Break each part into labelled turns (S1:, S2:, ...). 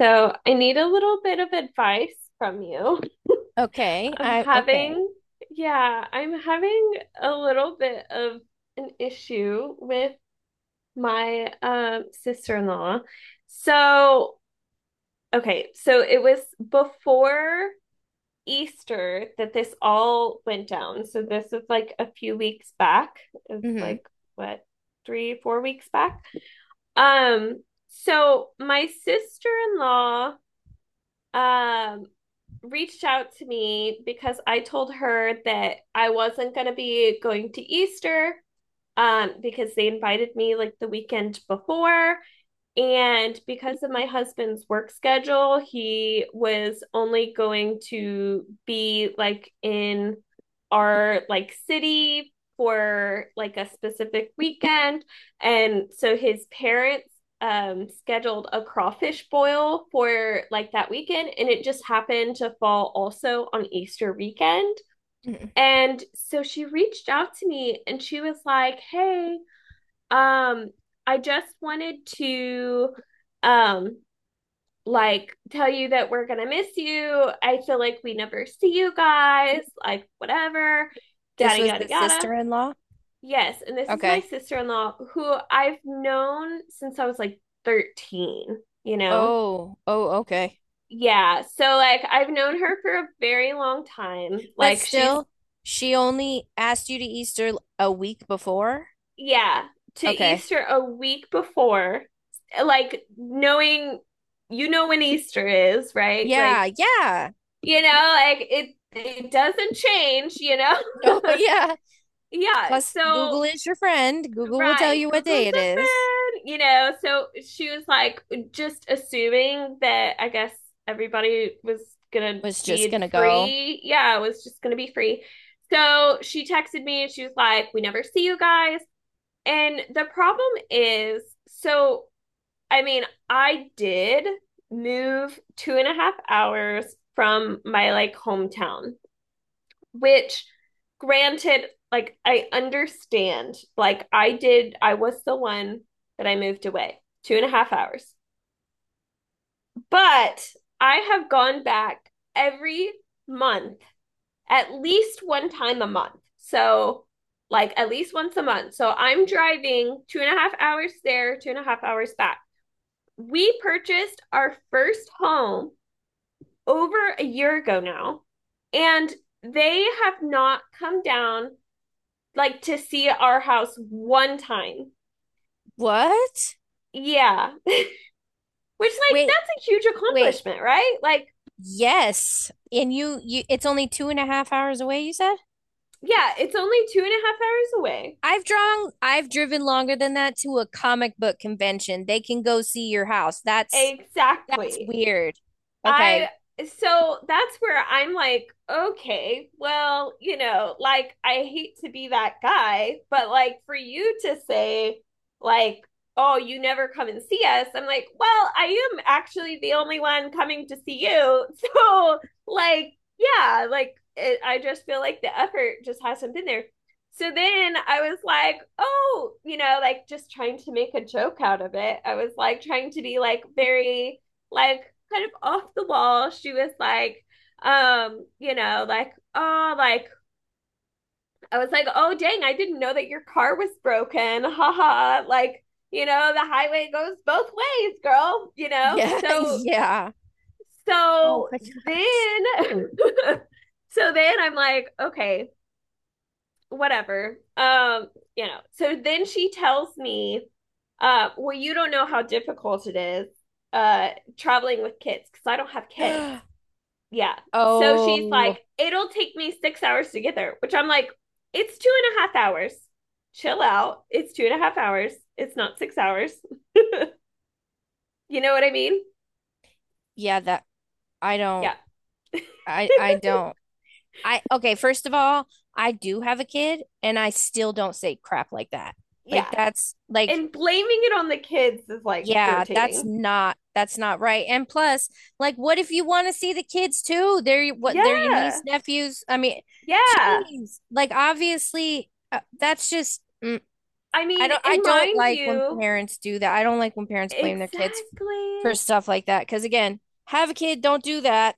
S1: So I need a little bit of advice from you.
S2: Okay.
S1: I'm
S2: I okay.
S1: having, yeah, I'm having a little bit of an issue with my sister-in-law. So, okay, so it was before Easter that this all went down. So this is like a few weeks back. It's
S2: Mm-hmm.
S1: like what, three, 4 weeks back. Um, so my sister-in-law um reached out to me because I told her that I wasn't going to be going to Easter because they invited me like the weekend before and because of my husband's work schedule, he was only going to be like in our like city for like a specific weekend. And so his parents scheduled a crawfish boil for like that weekend and it just happened to fall also on Easter weekend.
S2: hmm
S1: And so she reached out to me and she was like, "Hey, um, I just wanted to um like tell you that we're gonna miss you. I feel like we never see you guys, like whatever,
S2: This
S1: yada
S2: was
S1: yada
S2: the
S1: yada.
S2: sister-in-law?
S1: Yes, and this is my
S2: Okay.
S1: sister in law who I've known since I was like 13, you know?
S2: Oh, okay.
S1: Yeah, so like I've known her for a very long time.
S2: But
S1: Like she's
S2: still, she only asked you to Easter a week before?
S1: Yeah, to
S2: Okay.
S1: Easter a week before, like knowing you know when Easter is, right?
S2: Yeah,
S1: Like,
S2: yeah.
S1: you know, like it doesn't change, you know?
S2: Oh, yeah.
S1: Yeah,
S2: Plus, Google is your friend. Google will tell
S1: right,
S2: you what
S1: Google's
S2: day it
S1: the
S2: is.
S1: friend, you know. So she was like just assuming that I guess everybody was gonna
S2: Was just
S1: be
S2: gonna go,
S1: free. Yeah, it was just gonna be free. So she texted me and she was like, we never see you guys. And the problem is, so I mean, I did move 2.5 hours from my like hometown, which granted, like I understand, like I did, I was the one that I moved away 2.5 hours. But I have gone back every month at least one time a month. So, like, at least once a month. So, I'm driving 2.5 hours there, 2.5 hours back. We purchased our first home over a year ago now, and they have not come down like to see our house one time.
S2: what?
S1: Yeah. Which, like,
S2: Wait,
S1: that's a huge
S2: wait.
S1: accomplishment, right? Like,
S2: Yes. And you, it's only 2.5 hours away, you said?
S1: yeah, it's only 2.5 hours away.
S2: I've driven longer than that to a comic book convention. They can go see your house. That's
S1: Exactly.
S2: weird.
S1: I
S2: Okay.
S1: so that's where I'm like, okay, well, you know, like I hate to be that guy, but like for you to say like, oh, you never come and see us, I'm like, well, I am actually the only one coming to see you. So like, yeah, like it, I just feel like the effort just hasn't been there. So then I was like, oh, you know, like just trying to make a joke out of it. I was like trying to be like very like kind of off the wall. She was like, you know, like, oh, like I was like, oh dang, I didn't know that your car was broken. Ha ha. Like, you know, the highway goes both ways, girl, you know?
S2: Yeah.
S1: So
S2: Yeah. Oh
S1: so
S2: my
S1: then so then I'm like, okay, whatever. You know. So then she tells me, well, you don't know how difficult it is uh traveling with kids because I don't have kids.
S2: gosh.
S1: Yeah. So she's
S2: Oh,
S1: like, it'll take me 6 hours to get there, which I'm like, it's 2.5 hours. Chill out. It's 2.5 hours. It's not 6 hours. You know what I mean?
S2: yeah, that I don't
S1: Yeah.
S2: I don't. I Okay, first of all, I do have a kid and I still don't say crap like that. Like
S1: Yeah.
S2: that's like
S1: And blaming it on the kids is like
S2: Yeah,
S1: irritating.
S2: that's not right. And plus, like, what if you want to see the kids too? They're your niece,
S1: Yeah.
S2: nephews. I mean,
S1: Yeah.
S2: geez, like obviously, that's just
S1: I mean,
S2: I
S1: and
S2: don't
S1: mind
S2: like when
S1: you,
S2: parents do that. I don't like when parents blame their kids for
S1: exactly.
S2: stuff like that. Because again, have a kid, don't do that.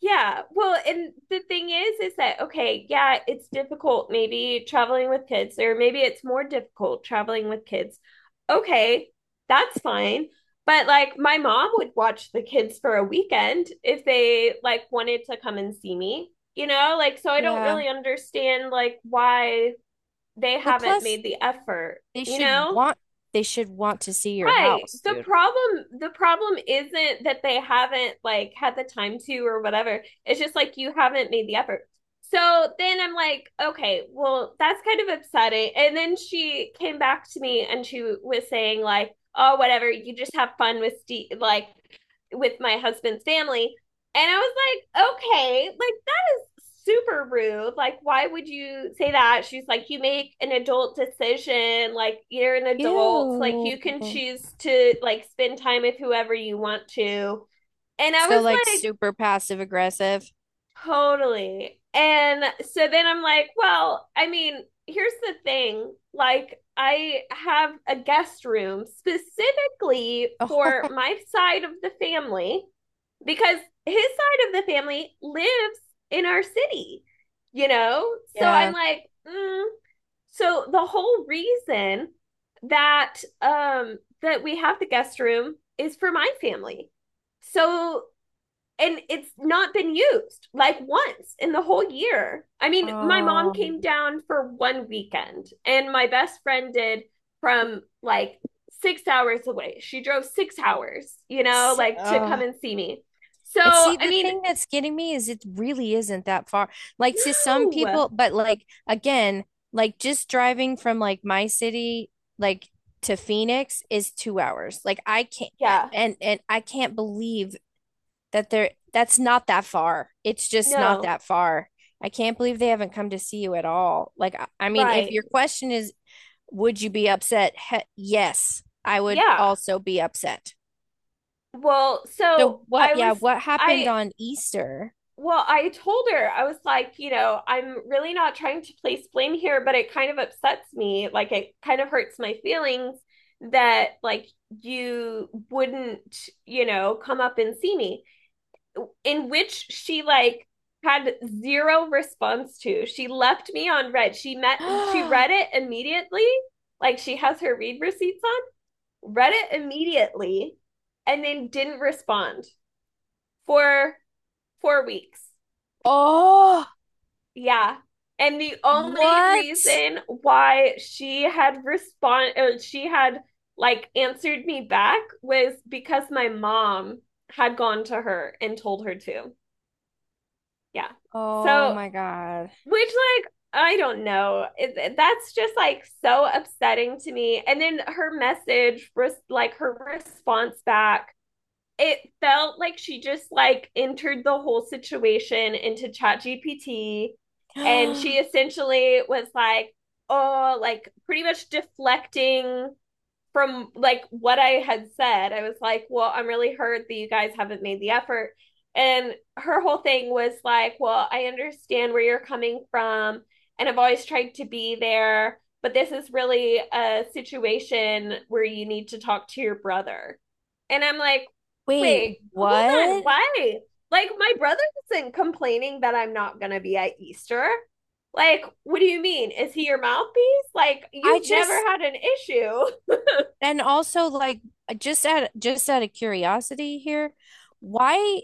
S1: Yeah. Well, and the thing is that, okay, yeah, it's difficult maybe traveling with kids, or maybe it's more difficult traveling with kids. Okay, that's fine. But like my mom would watch the kids for a weekend if they like wanted to come and see me, you know? Like, so I don't
S2: Yeah.
S1: really understand like why they
S2: Well,
S1: haven't
S2: plus
S1: made the effort,
S2: they
S1: you
S2: should
S1: know?
S2: want they should want to see your
S1: Right.
S2: house,
S1: The
S2: dude.
S1: problem the problem isn't that they haven't like had the time to or whatever. It's just like you haven't made the effort. So then I'm like, okay, well that's kind of upsetting. And then she came back to me and she was saying like, oh whatever, you just have fun with Steve like with my husband's family. And I was like, okay, like super rude. Like, why would you say that? She's like, you make an adult decision. Like, you're an adult. Like, you
S2: Ew.
S1: can choose to like spend time with whoever you want to. And I
S2: So
S1: was
S2: like
S1: like,
S2: super passive aggressive.
S1: totally. And so then I'm like, well, I mean, here's the thing. Like, I have a guest room specifically
S2: Oh,
S1: for my side of the family because his side of the family lives in our city, you know? So
S2: yeah.
S1: I'm like, mm. So the whole reason that that we have the guest room is for my family. So and it's not been used like once in the whole year. I mean, my mom
S2: Um,
S1: came down for one weekend, and my best friend did from like 6 hours away. She drove 6 hours, you know,
S2: so,
S1: like to come
S2: uh,
S1: and see me. So,
S2: and see,
S1: I
S2: the
S1: mean,
S2: thing that's getting me is it really isn't that far. Like to some
S1: no.
S2: people, but like again, like just driving from like my city, like to Phoenix is 2 hours. Like I can't,
S1: Yeah.
S2: and I can't believe that's not that far. It's just not
S1: No.
S2: that far. I can't believe they haven't come to see you at all. I mean, if
S1: Right.
S2: your question is, would you be upset? He yes, I would
S1: Yeah.
S2: also be upset.
S1: Well,
S2: So
S1: so
S2: what, yeah, what happened
S1: I,
S2: on Easter?
S1: Well, I told her, I was like, you know, I'm really not trying to place blame here, but it kind of upsets me. Like, it kind of hurts my feelings that, like, you wouldn't, you know, come up and see me. In which she, like, had zero response to. She left me on red. She read it immediately. Like, she has her read receipts on, read it immediately, and then didn't respond for 4 weeks.
S2: Oh,
S1: Yeah. And the only
S2: what?
S1: reason why she had respond or she had like answered me back was because my mom had gone to her and told her to. Yeah.
S2: Oh
S1: So,
S2: my God.
S1: which like I don't know. That's just like so upsetting to me. And then her message, like her response back it felt like she just like entered the whole situation into ChatGPT and she essentially was like, oh, like pretty much deflecting from like what I had said, I was like, well, I'm really hurt that you guys haven't made the effort. And her whole thing was like, well, I understand where you're coming from, and I've always tried to be there, but this is really a situation where you need to talk to your brother. And I'm like,
S2: Wait,
S1: wait, hold on,
S2: what?
S1: why? Like, my brother isn't complaining that I'm not going to be at Easter. Like, what do you mean? Is he your mouthpiece? Like,
S2: I
S1: you've never
S2: just
S1: had an issue.
S2: and also like just out of curiosity here, why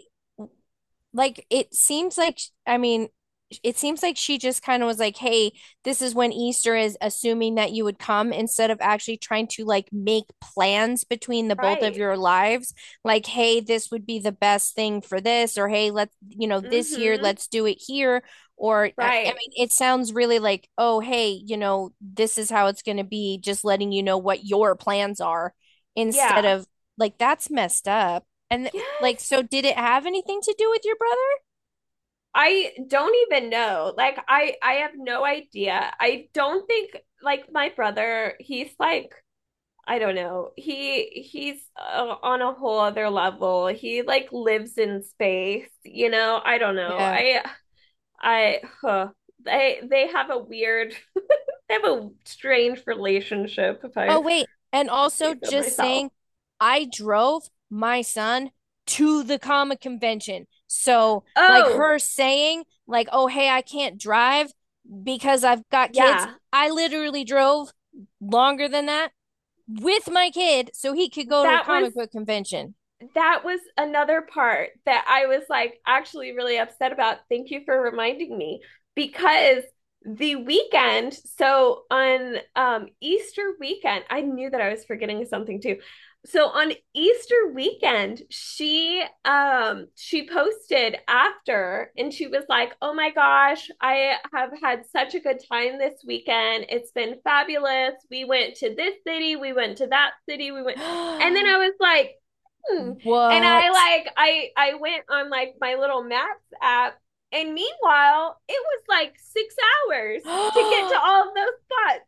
S2: like it seems like I mean, it seems like she just kind of was like, "Hey, this is when Easter is," assuming that you would come instead of actually trying to like make plans between the both of
S1: Right.
S2: your lives. Like, "Hey, this would be the best thing for this," or "Hey, let's, you know, this year
S1: Mm-hmm.
S2: let's do it here." Or I mean,
S1: Right.
S2: it sounds really like, "Oh, hey, you know, this is how it's going to be," just letting you know what your plans are instead
S1: Yeah.
S2: of like that's messed up. And like, so
S1: Yes.
S2: did it have anything to do with your brother?
S1: I don't even know. Like I have no idea. I don't think like my brother, he's like I don't know. He's on a whole other level. He like lives in space, you know? I don't know.
S2: Yeah.
S1: I Huh. They have a weird they have a strange relationship if
S2: Oh,
S1: I
S2: wait. And also
S1: say so
S2: just
S1: myself.
S2: saying, I drove my son to the comic convention. So, like,
S1: Oh,
S2: her saying, like, oh, hey, I can't drive because I've got kids.
S1: yeah.
S2: I literally drove longer than that with my kid so he could go to a
S1: That was
S2: comic book convention.
S1: that was another part that I was like actually really upset about. Thank you for reminding me because the weekend, so on Easter weekend, I knew that I was forgetting something too. So on Easter weekend, she posted after and she was like, "Oh my gosh, I have had such a good time this weekend. It's been fabulous. We went to this city, we went to that city, we went." And then I was like, hmm. And
S2: What?
S1: I went on like my little maps app, and meanwhile, it was like 6 hours to get to all of those spots.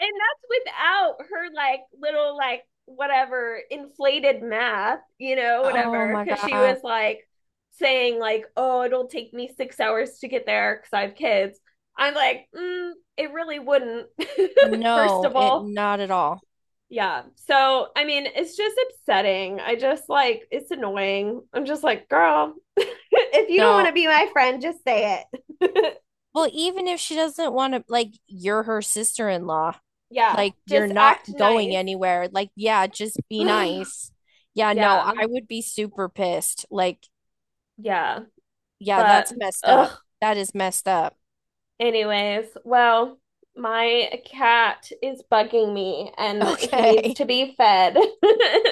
S1: And that's without her like little like whatever inflated math, you know,
S2: Oh
S1: whatever,
S2: my
S1: because she was
S2: God.
S1: like saying like, "Oh, it'll take me 6 hours to get there because I have kids." I'm like, it really wouldn't. First
S2: No,
S1: of
S2: it
S1: all,
S2: not at all.
S1: yeah. So, I mean, it's just upsetting. I just like, it's annoying. I'm just like, girl, if you don't want
S2: No,
S1: to be my friend, just say it.
S2: well, even if she doesn't want to, like, you're her sister-in-law.
S1: Yeah.
S2: Like, you're
S1: Just
S2: not
S1: act
S2: going
S1: nice.
S2: anywhere. Like, yeah, just be nice. Yeah, no,
S1: Yeah.
S2: I would be super pissed. Like,
S1: Yeah.
S2: yeah,
S1: But,
S2: that's messed up.
S1: ugh.
S2: That is messed up.
S1: Anyways, well, my cat is bugging me and he needs
S2: Okay.
S1: to be fed.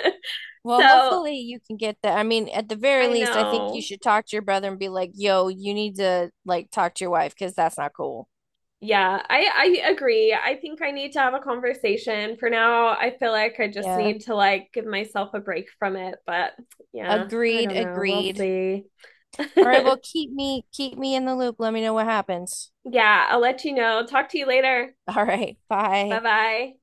S2: Well,
S1: So,
S2: hopefully you can get that. I mean, at the very
S1: I
S2: least, I think you
S1: know.
S2: should talk to your brother and be like, yo, you need to, like, talk to your wife because that's not cool.
S1: Yeah, I agree. I think I need to have a conversation. For now, I feel like I just
S2: Yeah.
S1: need to like give myself a break from it, but yeah, I
S2: Agreed.
S1: don't know. We'll
S2: Agreed.
S1: see.
S2: All right. Well, keep me in the loop. Let me know what happens.
S1: Yeah, I'll let you know. Talk to you later.
S2: All right. Bye.
S1: Bye-bye.